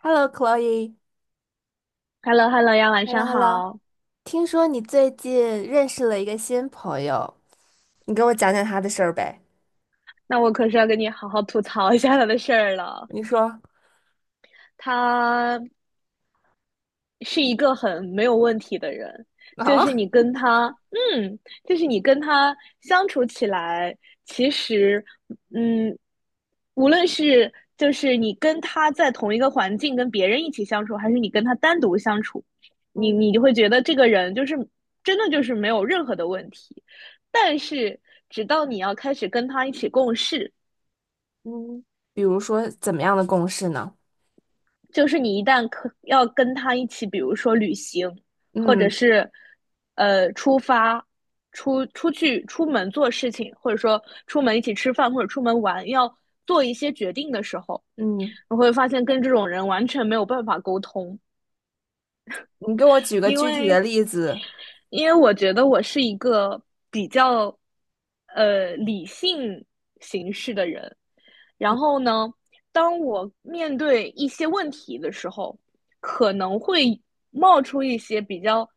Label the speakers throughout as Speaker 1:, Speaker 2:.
Speaker 1: Hello,Chloe。
Speaker 2: h e l l o h e l l o 呀，晚上
Speaker 1: Hello,Hello。
Speaker 2: 好。
Speaker 1: 听说你最近认识了一个新朋友，你给我讲讲他的事儿呗。
Speaker 2: 那我可是要跟你好好吐槽一下他的事儿了。
Speaker 1: 你说
Speaker 2: 他是一个很没有问题的人，就
Speaker 1: 啊，
Speaker 2: 是你跟他，嗯，就是你跟他相处起来，其实，嗯，无论是就是你跟他在同一个环境跟别人一起相处，还是你跟他单独相处，你
Speaker 1: 嗯
Speaker 2: 你就会觉得这个人就是真的就是没有任何的问题，但是直到你要开始跟他一起共事。
Speaker 1: 嗯，比如说怎么样的共事呢？
Speaker 2: 就是你一旦可要跟他一起，比如说旅行，或者
Speaker 1: 嗯，
Speaker 2: 是出发、出去、出门做事情，或者说出门一起吃饭或者出门玩，要做一些决定的时候，
Speaker 1: 嗯
Speaker 2: 你会发现跟这种人完全没有办法沟通，
Speaker 1: 你给我举个
Speaker 2: 因
Speaker 1: 具体的
Speaker 2: 为
Speaker 1: 例子。
Speaker 2: 因为我觉得我是一个比较理性形式的人，然后呢，当我面对一些问题的时候，可能会冒出一些比较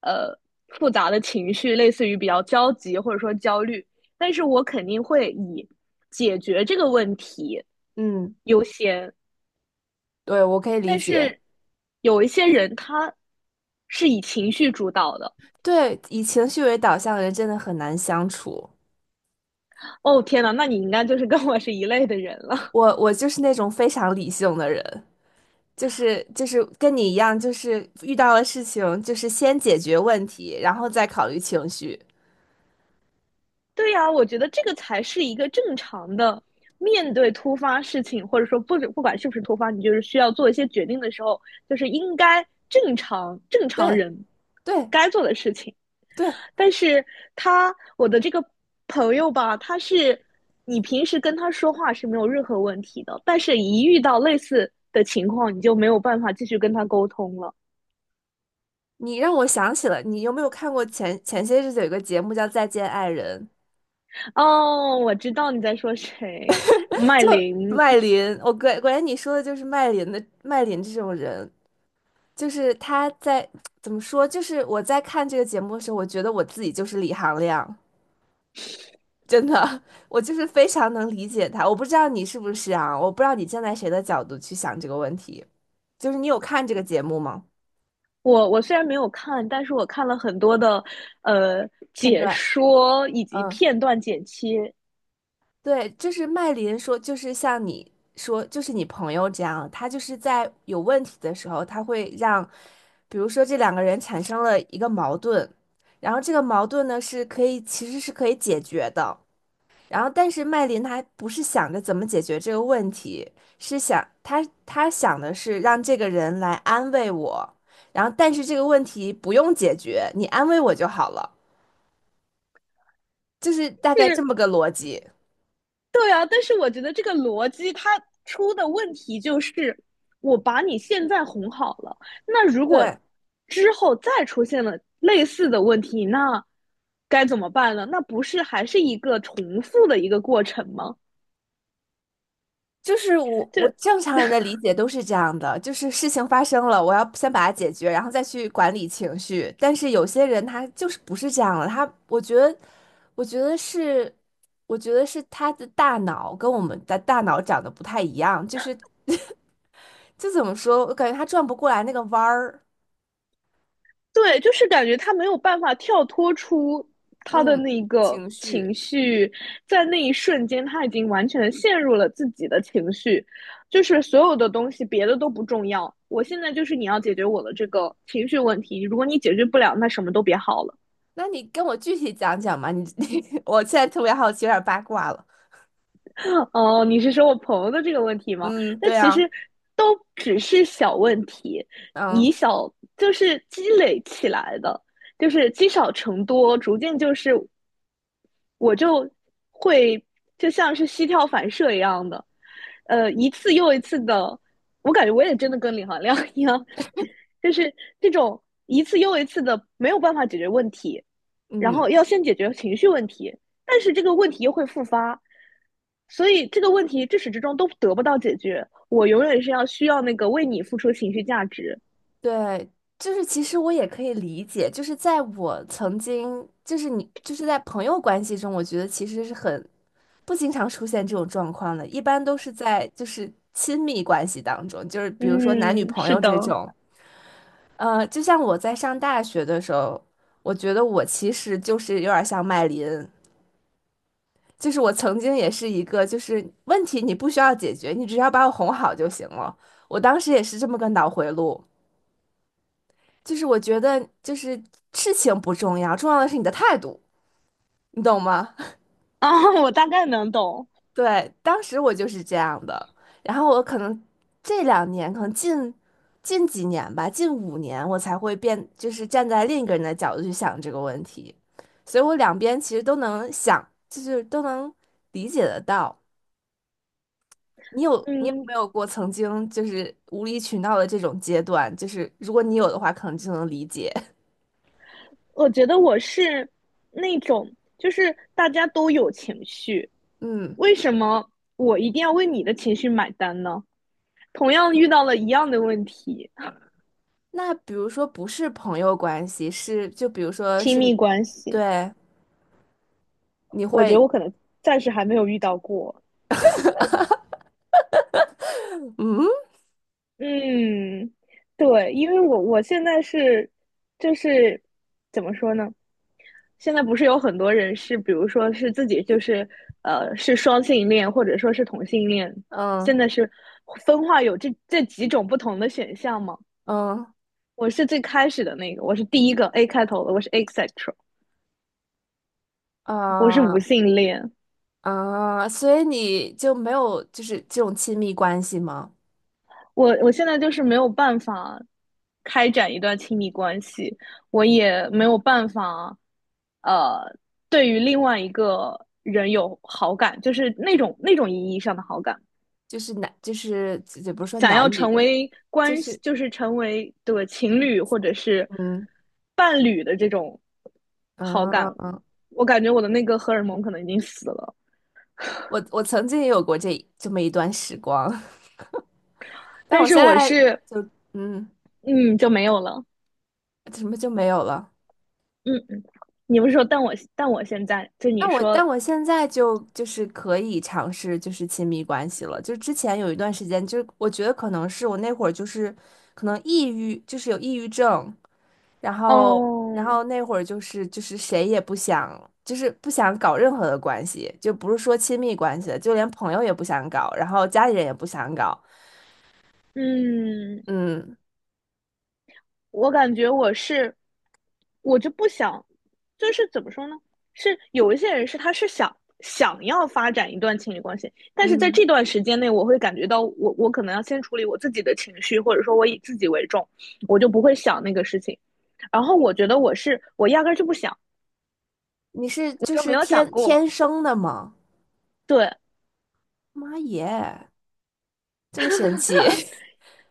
Speaker 2: 呃复杂的情绪，类似于比较焦急或者说焦虑，但是我肯定会以解决这个问题
Speaker 1: 嗯，
Speaker 2: 优先。
Speaker 1: 对，我可以理
Speaker 2: 但
Speaker 1: 解。
Speaker 2: 是有一些人他是以情绪主导的。
Speaker 1: 对，以情绪为导向的人真的很难相处。
Speaker 2: 哦，天呐，那你应该就是跟我是一类的人了。
Speaker 1: 我就是那种非常理性的人，就是跟你一样，就是遇到了事情，就是先解决问题，然后再考虑情绪。
Speaker 2: 对呀，我觉得这个才是一个正常的面对突发事情，或者说不管是不是突发，你就是需要做一些决定的时候，就是应该正常正常
Speaker 1: 对
Speaker 2: 人
Speaker 1: 对
Speaker 2: 该做的事情。
Speaker 1: 对，
Speaker 2: 但是我的这个朋友吧，他是你平时跟他说话是没有任何问题的，但是一遇到类似的情况，你就没有办法继续跟他沟通了。
Speaker 1: 你让我想起了，你有没有看过前些日子有一个节目叫《再见爱人》，
Speaker 2: 哦，我知道你在说谁，麦
Speaker 1: 就
Speaker 2: 琳。
Speaker 1: 麦琳，我果然你说的就是麦琳的麦琳这种人，就是他在 怎么说，就是我在看这个节目的时候，我觉得我自己就是李行亮，真的，我就是非常能理解他。我不知道你是不是啊，我不知道你站在谁的角度去想这个问题，就是你有看这个节目吗？
Speaker 2: 我虽然没有看，但是我看了很多的呃
Speaker 1: 片
Speaker 2: 解
Speaker 1: 段，
Speaker 2: 说以及
Speaker 1: 嗯。
Speaker 2: 片段剪切。
Speaker 1: 对，就是麦琳说，就是像你说，就是你朋友这样，他就是在有问题的时候，他会让，比如说这两个人产生了一个矛盾，然后这个矛盾呢是可以，其实是可以解决的。然后，但是麦琳她不是想着怎么解决这个问题，是想她想的是让这个人来安慰我，然后但是这个问题不用解决，你安慰我就好了，就是大概这
Speaker 2: 是，
Speaker 1: 么个逻辑。
Speaker 2: 对啊，但是我觉得这个逻辑它出的问题就是，我把你现在哄好了，那如果
Speaker 1: 对。
Speaker 2: 之后再出现了类似的问题，那该怎么办呢？那不是还是一个重复的一个过程吗？
Speaker 1: 就是我，
Speaker 2: 就。
Speaker 1: 我正常人的理解都是这样的，就是事情发生了，我要先把它解决，然后再去管理情绪。但是有些人他就是不是这样的，他我觉得，我觉得是，我觉得是他的大脑跟我们的大脑长得不太一样，就是 就怎么说，我感觉他转不过来那个弯儿。
Speaker 2: 对，就是感觉他没有办法跳脱出他的
Speaker 1: 嗯，
Speaker 2: 那个
Speaker 1: 情绪，
Speaker 2: 情绪，在那一瞬间，他已经完全的陷入了自己的情绪，就是所有的东西别的都不重要。我现在就是你要解决我的这个情绪问题，如果你解决不了，那什么都别好了。
Speaker 1: 那你跟我具体讲讲嘛？你 你，我现在特别好奇，有点八卦了。
Speaker 2: 哦，你是说我朋友的这个问题吗？
Speaker 1: 嗯，
Speaker 2: 那
Speaker 1: 对
Speaker 2: 其
Speaker 1: 啊，
Speaker 2: 实都只是小问题，以
Speaker 1: 嗯
Speaker 2: 小就是积累起来的，就是积少成多，逐渐就是我就会就像是膝跳反射一样的，一次又一次的，我感觉我也真的跟李行亮 一样，就是这种一次又一次的没有办法解决问题，然后
Speaker 1: 嗯。
Speaker 2: 要先解决情绪问题，但是这个问题又会复发，所以这个问题至始至终都得不到解决。我永远是要需要那个为你付出情绪价值。
Speaker 1: 对，就是其实我也可以理解，就是在我曾经，就是你，就是在朋友关系中，我觉得其实是很不经常出现这种状况的，一般都是在就是亲密关系当中，就是比如说男女
Speaker 2: 嗯，
Speaker 1: 朋
Speaker 2: 是
Speaker 1: 友
Speaker 2: 的
Speaker 1: 这种，就像我在上大学的时候，我觉得我其实就是有点儿像麦琳，就是我曾经也是一个，就是问题你不需要解决，你只要把我哄好就行了，我当时也是这么个脑回路。就是我觉得，就是事情不重要，重要的是你的态度，你懂吗？
Speaker 2: 啊，我大概能懂。
Speaker 1: 对，当时我就是这样的。然后我可能这两年，可能近几年吧，近五年，我才会变，就是站在另一个人的角度去想这个问题。所以我两边其实都能想，就是都能理解得到。你有你有
Speaker 2: 嗯，
Speaker 1: 没有过曾经就是无理取闹的这种阶段？就是如果你有的话，可能就能理解。
Speaker 2: 我觉得我是那种，就是大家都有情绪，
Speaker 1: 嗯。
Speaker 2: 为什么我一定要为你的情绪买单呢？同样遇到了一样的问题，
Speaker 1: 那比如说不是朋友关系，是就比如说
Speaker 2: 亲
Speaker 1: 是，
Speaker 2: 密关系，
Speaker 1: 对，你
Speaker 2: 我觉得
Speaker 1: 会，
Speaker 2: 我可能暂时还没有遇到过。
Speaker 1: 嗯
Speaker 2: 嗯，对，因为我现在是，就是怎么说呢？现在不是有很多人是，比如说是自己就是是双性恋，或者说是同性恋，现
Speaker 1: 嗯
Speaker 2: 在是分化有这几种不同的选项嘛？
Speaker 1: 嗯
Speaker 2: 我是最开始的那个，我是第一个 A 开头的，我是 asexual，我是无
Speaker 1: 啊
Speaker 2: 性恋。
Speaker 1: 啊，所以你就没有就是这种亲密关系吗？
Speaker 2: 我现在就是没有办法开展一段亲密关系，我也没有办法，呃，对于另外一个人有好感，就是那种意义上的好感。
Speaker 1: 就是男，就是也不是说
Speaker 2: 想要
Speaker 1: 男女
Speaker 2: 成
Speaker 1: 吧，
Speaker 2: 为
Speaker 1: 就
Speaker 2: 关系，
Speaker 1: 是
Speaker 2: 就是成为这个情侣或者是
Speaker 1: 嗯
Speaker 2: 伴侣的这种好
Speaker 1: 嗯
Speaker 2: 感，
Speaker 1: 嗯，
Speaker 2: 我感觉我的那个荷尔蒙可能已经死了，
Speaker 1: 我曾经也有过这么一段时光，但
Speaker 2: 但
Speaker 1: 我
Speaker 2: 是
Speaker 1: 现
Speaker 2: 我
Speaker 1: 在
Speaker 2: 是
Speaker 1: 就嗯
Speaker 2: 嗯就没有了。
Speaker 1: 什么就没有了。
Speaker 2: 嗯，你不是说但我现在就
Speaker 1: 那
Speaker 2: 你
Speaker 1: 我但
Speaker 2: 说，
Speaker 1: 我现在就是可以尝试就是亲密关系了，就之前有一段时间，就我觉得可能是我那会儿就是可能抑郁，就是有抑郁症，然后
Speaker 2: 哦。
Speaker 1: 然后那会儿就是谁也不想，就是不想搞任何的关系，就不是说亲密关系了，就连朋友也不想搞，然后家里人也不想搞，
Speaker 2: 嗯，
Speaker 1: 嗯
Speaker 2: 我感觉我是，我就不想，就是怎么说呢？是有一些人是他是想要发展一段情侣关系，但是在这
Speaker 1: 嗯，
Speaker 2: 段时间内，我会感觉到我可能要先处理我自己的情绪，或者说我以自己为重，我就不会想那个事情。然后我觉得我压根儿就不想，
Speaker 1: 你是
Speaker 2: 我
Speaker 1: 就
Speaker 2: 就没
Speaker 1: 是
Speaker 2: 有想
Speaker 1: 天
Speaker 2: 过。
Speaker 1: 天生的吗？
Speaker 2: 对
Speaker 1: 妈耶，这么神奇！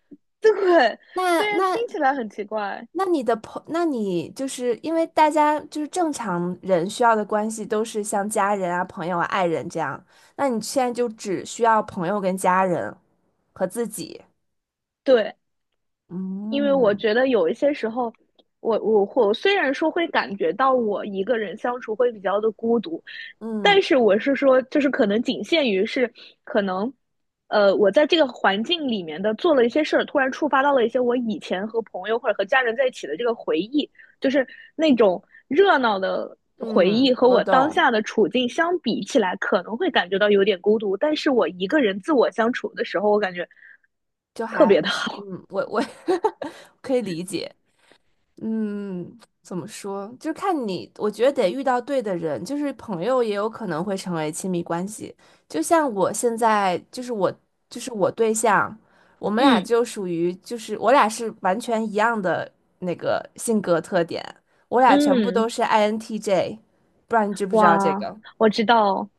Speaker 2: 对，
Speaker 1: 那
Speaker 2: 虽然
Speaker 1: 那
Speaker 2: 听起来很奇怪，
Speaker 1: 那你的朋，那你就是因为大家就是正常人需要的关系都是像家人啊、朋友啊、爱人这样，那你现在就只需要朋友跟家人和自己。
Speaker 2: 对。因为我
Speaker 1: 嗯
Speaker 2: 觉得有一些时候，我虽然说会感觉到我一个人相处会比较的孤独，
Speaker 1: 嗯
Speaker 2: 但是我是说，就是可能仅限于是可能，我在这个环境里面的做了一些事儿，突然触发到了一些我以前和朋友或者和家人在一起的这个回忆，就是那种热闹的回
Speaker 1: 嗯，
Speaker 2: 忆和
Speaker 1: 我
Speaker 2: 我当
Speaker 1: 懂，
Speaker 2: 下的处境相比起来，可能会感觉到有点孤独，但是我一个人自我相处的时候，我感觉
Speaker 1: 就
Speaker 2: 特
Speaker 1: 还，
Speaker 2: 别的
Speaker 1: 嗯，
Speaker 2: 好。
Speaker 1: 我我 可以理解。嗯，怎么说？就是看你，我觉得得遇到对的人，就是朋友也有可能会成为亲密关系。就像我现在，就是我，就是我对象，我们俩
Speaker 2: 嗯。
Speaker 1: 就属于，就是我俩是完全一样的那个性格特点，我俩全部都
Speaker 2: 嗯，
Speaker 1: 是 INTJ，不知道你知不知道这
Speaker 2: 哇，
Speaker 1: 个？
Speaker 2: 我知道，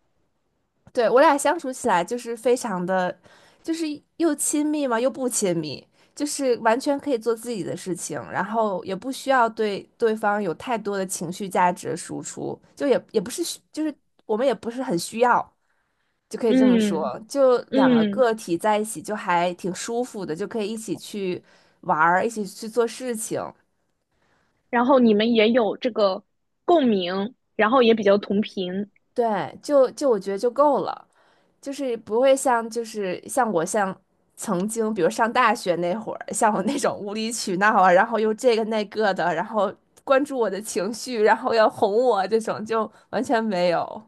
Speaker 1: 对，我俩相处起来就是非常的，就是又亲密嘛，又不亲密，就是完全可以做自己的事情，然后也不需要对对方有太多的情绪价值的输出，就也不是需就是我们也不是很需要，就可以这么
Speaker 2: 嗯
Speaker 1: 说，就两个
Speaker 2: 嗯，
Speaker 1: 个体在一起就还挺舒服的，就可以一起去玩儿，一起去做事情，
Speaker 2: 然后你们也有这个共鸣，然后也比较同频。
Speaker 1: 对，就我觉得就够了。就是不会像就是像我像曾经，比如上大学那会儿，像我那种无理取闹啊，然后又这个那个的，然后关注我的情绪，然后要哄我这种，就完全没有，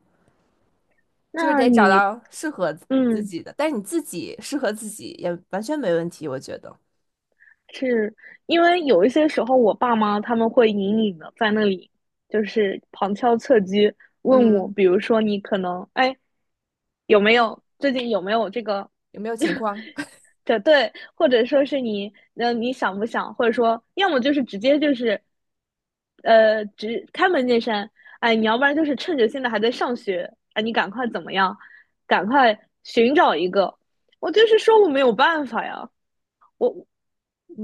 Speaker 1: 就是
Speaker 2: 那
Speaker 1: 得找
Speaker 2: 你，
Speaker 1: 到适合自
Speaker 2: 嗯，
Speaker 1: 己的。但是你自己适合自己也完全没问题，我觉得。
Speaker 2: 是因为有一些时候，我爸妈他们会隐隐的在那里，就是旁敲侧击问我，
Speaker 1: 嗯，
Speaker 2: 比如说你可能，哎，有没
Speaker 1: 哎，
Speaker 2: 有最近有没有这个？
Speaker 1: 有没有情 况？
Speaker 2: 对对，或者说是你，那你想不想，或者说，要么就是直接就是，直开门见山，哎，你要不然就是趁着现在还在上学，哎，你赶快怎么样，赶快寻找一个。我就是说我没有办法呀，我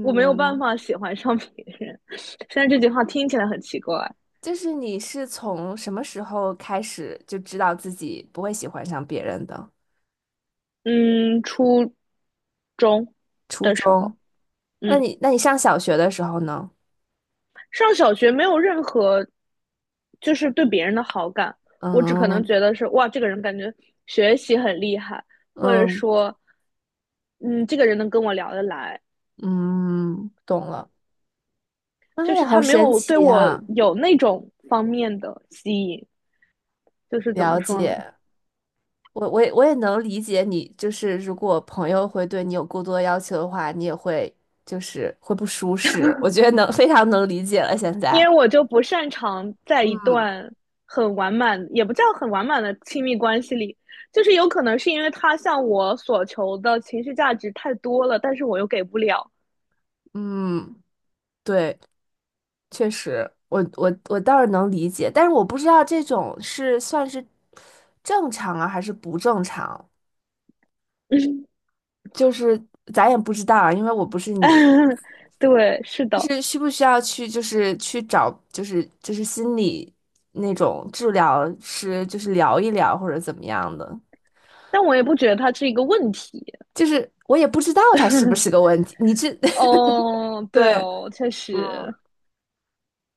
Speaker 2: 我没有办法喜欢上别人。虽然这句话听起来很奇怪，
Speaker 1: 就是你是从什么时候开始就知道自己不会喜欢上别人的？
Speaker 2: 嗯，初中
Speaker 1: 初
Speaker 2: 的时候，
Speaker 1: 中？那
Speaker 2: 嗯。
Speaker 1: 你那你上小学的时候呢？
Speaker 2: 上小学没有任何就是对别人的好感，我只可能
Speaker 1: 嗯
Speaker 2: 觉得是哇，这个人感觉学习很厉害，或者
Speaker 1: 嗯
Speaker 2: 说，嗯，这个人能跟我聊得来，
Speaker 1: 嗯，懂了。妈
Speaker 2: 就
Speaker 1: 呀，
Speaker 2: 是
Speaker 1: 好
Speaker 2: 他没
Speaker 1: 神
Speaker 2: 有对
Speaker 1: 奇
Speaker 2: 我
Speaker 1: 呀！
Speaker 2: 有那种方面的吸引，就是怎
Speaker 1: 了
Speaker 2: 么说呢？
Speaker 1: 解，我也能理解你，就是如果朋友会对你有过多要求的话，你也会就是会不舒适。我觉得能非常能理解了。现
Speaker 2: 因
Speaker 1: 在，
Speaker 2: 为我就不擅长在一段很完满，也不叫很完满的亲密关系里，就是有可能是因为他向我所求的情绪价值太多了，但是我又给不了。
Speaker 1: 嗯，对，确实，我倒是能理解，但是我不知道这种是算是正常啊，还是不正常，就是咱也不知道啊，因为我不是你。
Speaker 2: 对，是
Speaker 1: 就
Speaker 2: 的，
Speaker 1: 是需不需要去，就是去找，就是心理那种治疗师，就是聊一聊或者怎么样的？
Speaker 2: 但我也不觉得它是一个问题。
Speaker 1: 就是我也不知道他是不是个问题。你这
Speaker 2: 哦，对
Speaker 1: 对，
Speaker 2: 哦，确
Speaker 1: 嗯
Speaker 2: 实，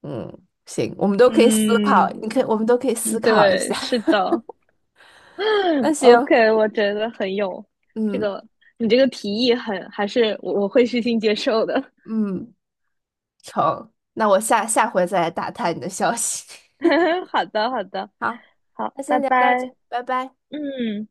Speaker 1: 嗯，行，我们都可以思考，
Speaker 2: 嗯，
Speaker 1: 你可以，我们都可以思考一
Speaker 2: 对，
Speaker 1: 下。
Speaker 2: 是的
Speaker 1: 那 行，
Speaker 2: ，OK，我觉得很有这
Speaker 1: 嗯
Speaker 2: 个，你这个提议很，还是我会虚心接受的。
Speaker 1: 嗯，成，那我下下回再来打探你的消息。
Speaker 2: 好的，好的，
Speaker 1: 好，
Speaker 2: 好，
Speaker 1: 那先
Speaker 2: 拜
Speaker 1: 聊到这，
Speaker 2: 拜。
Speaker 1: 拜拜。
Speaker 2: 嗯。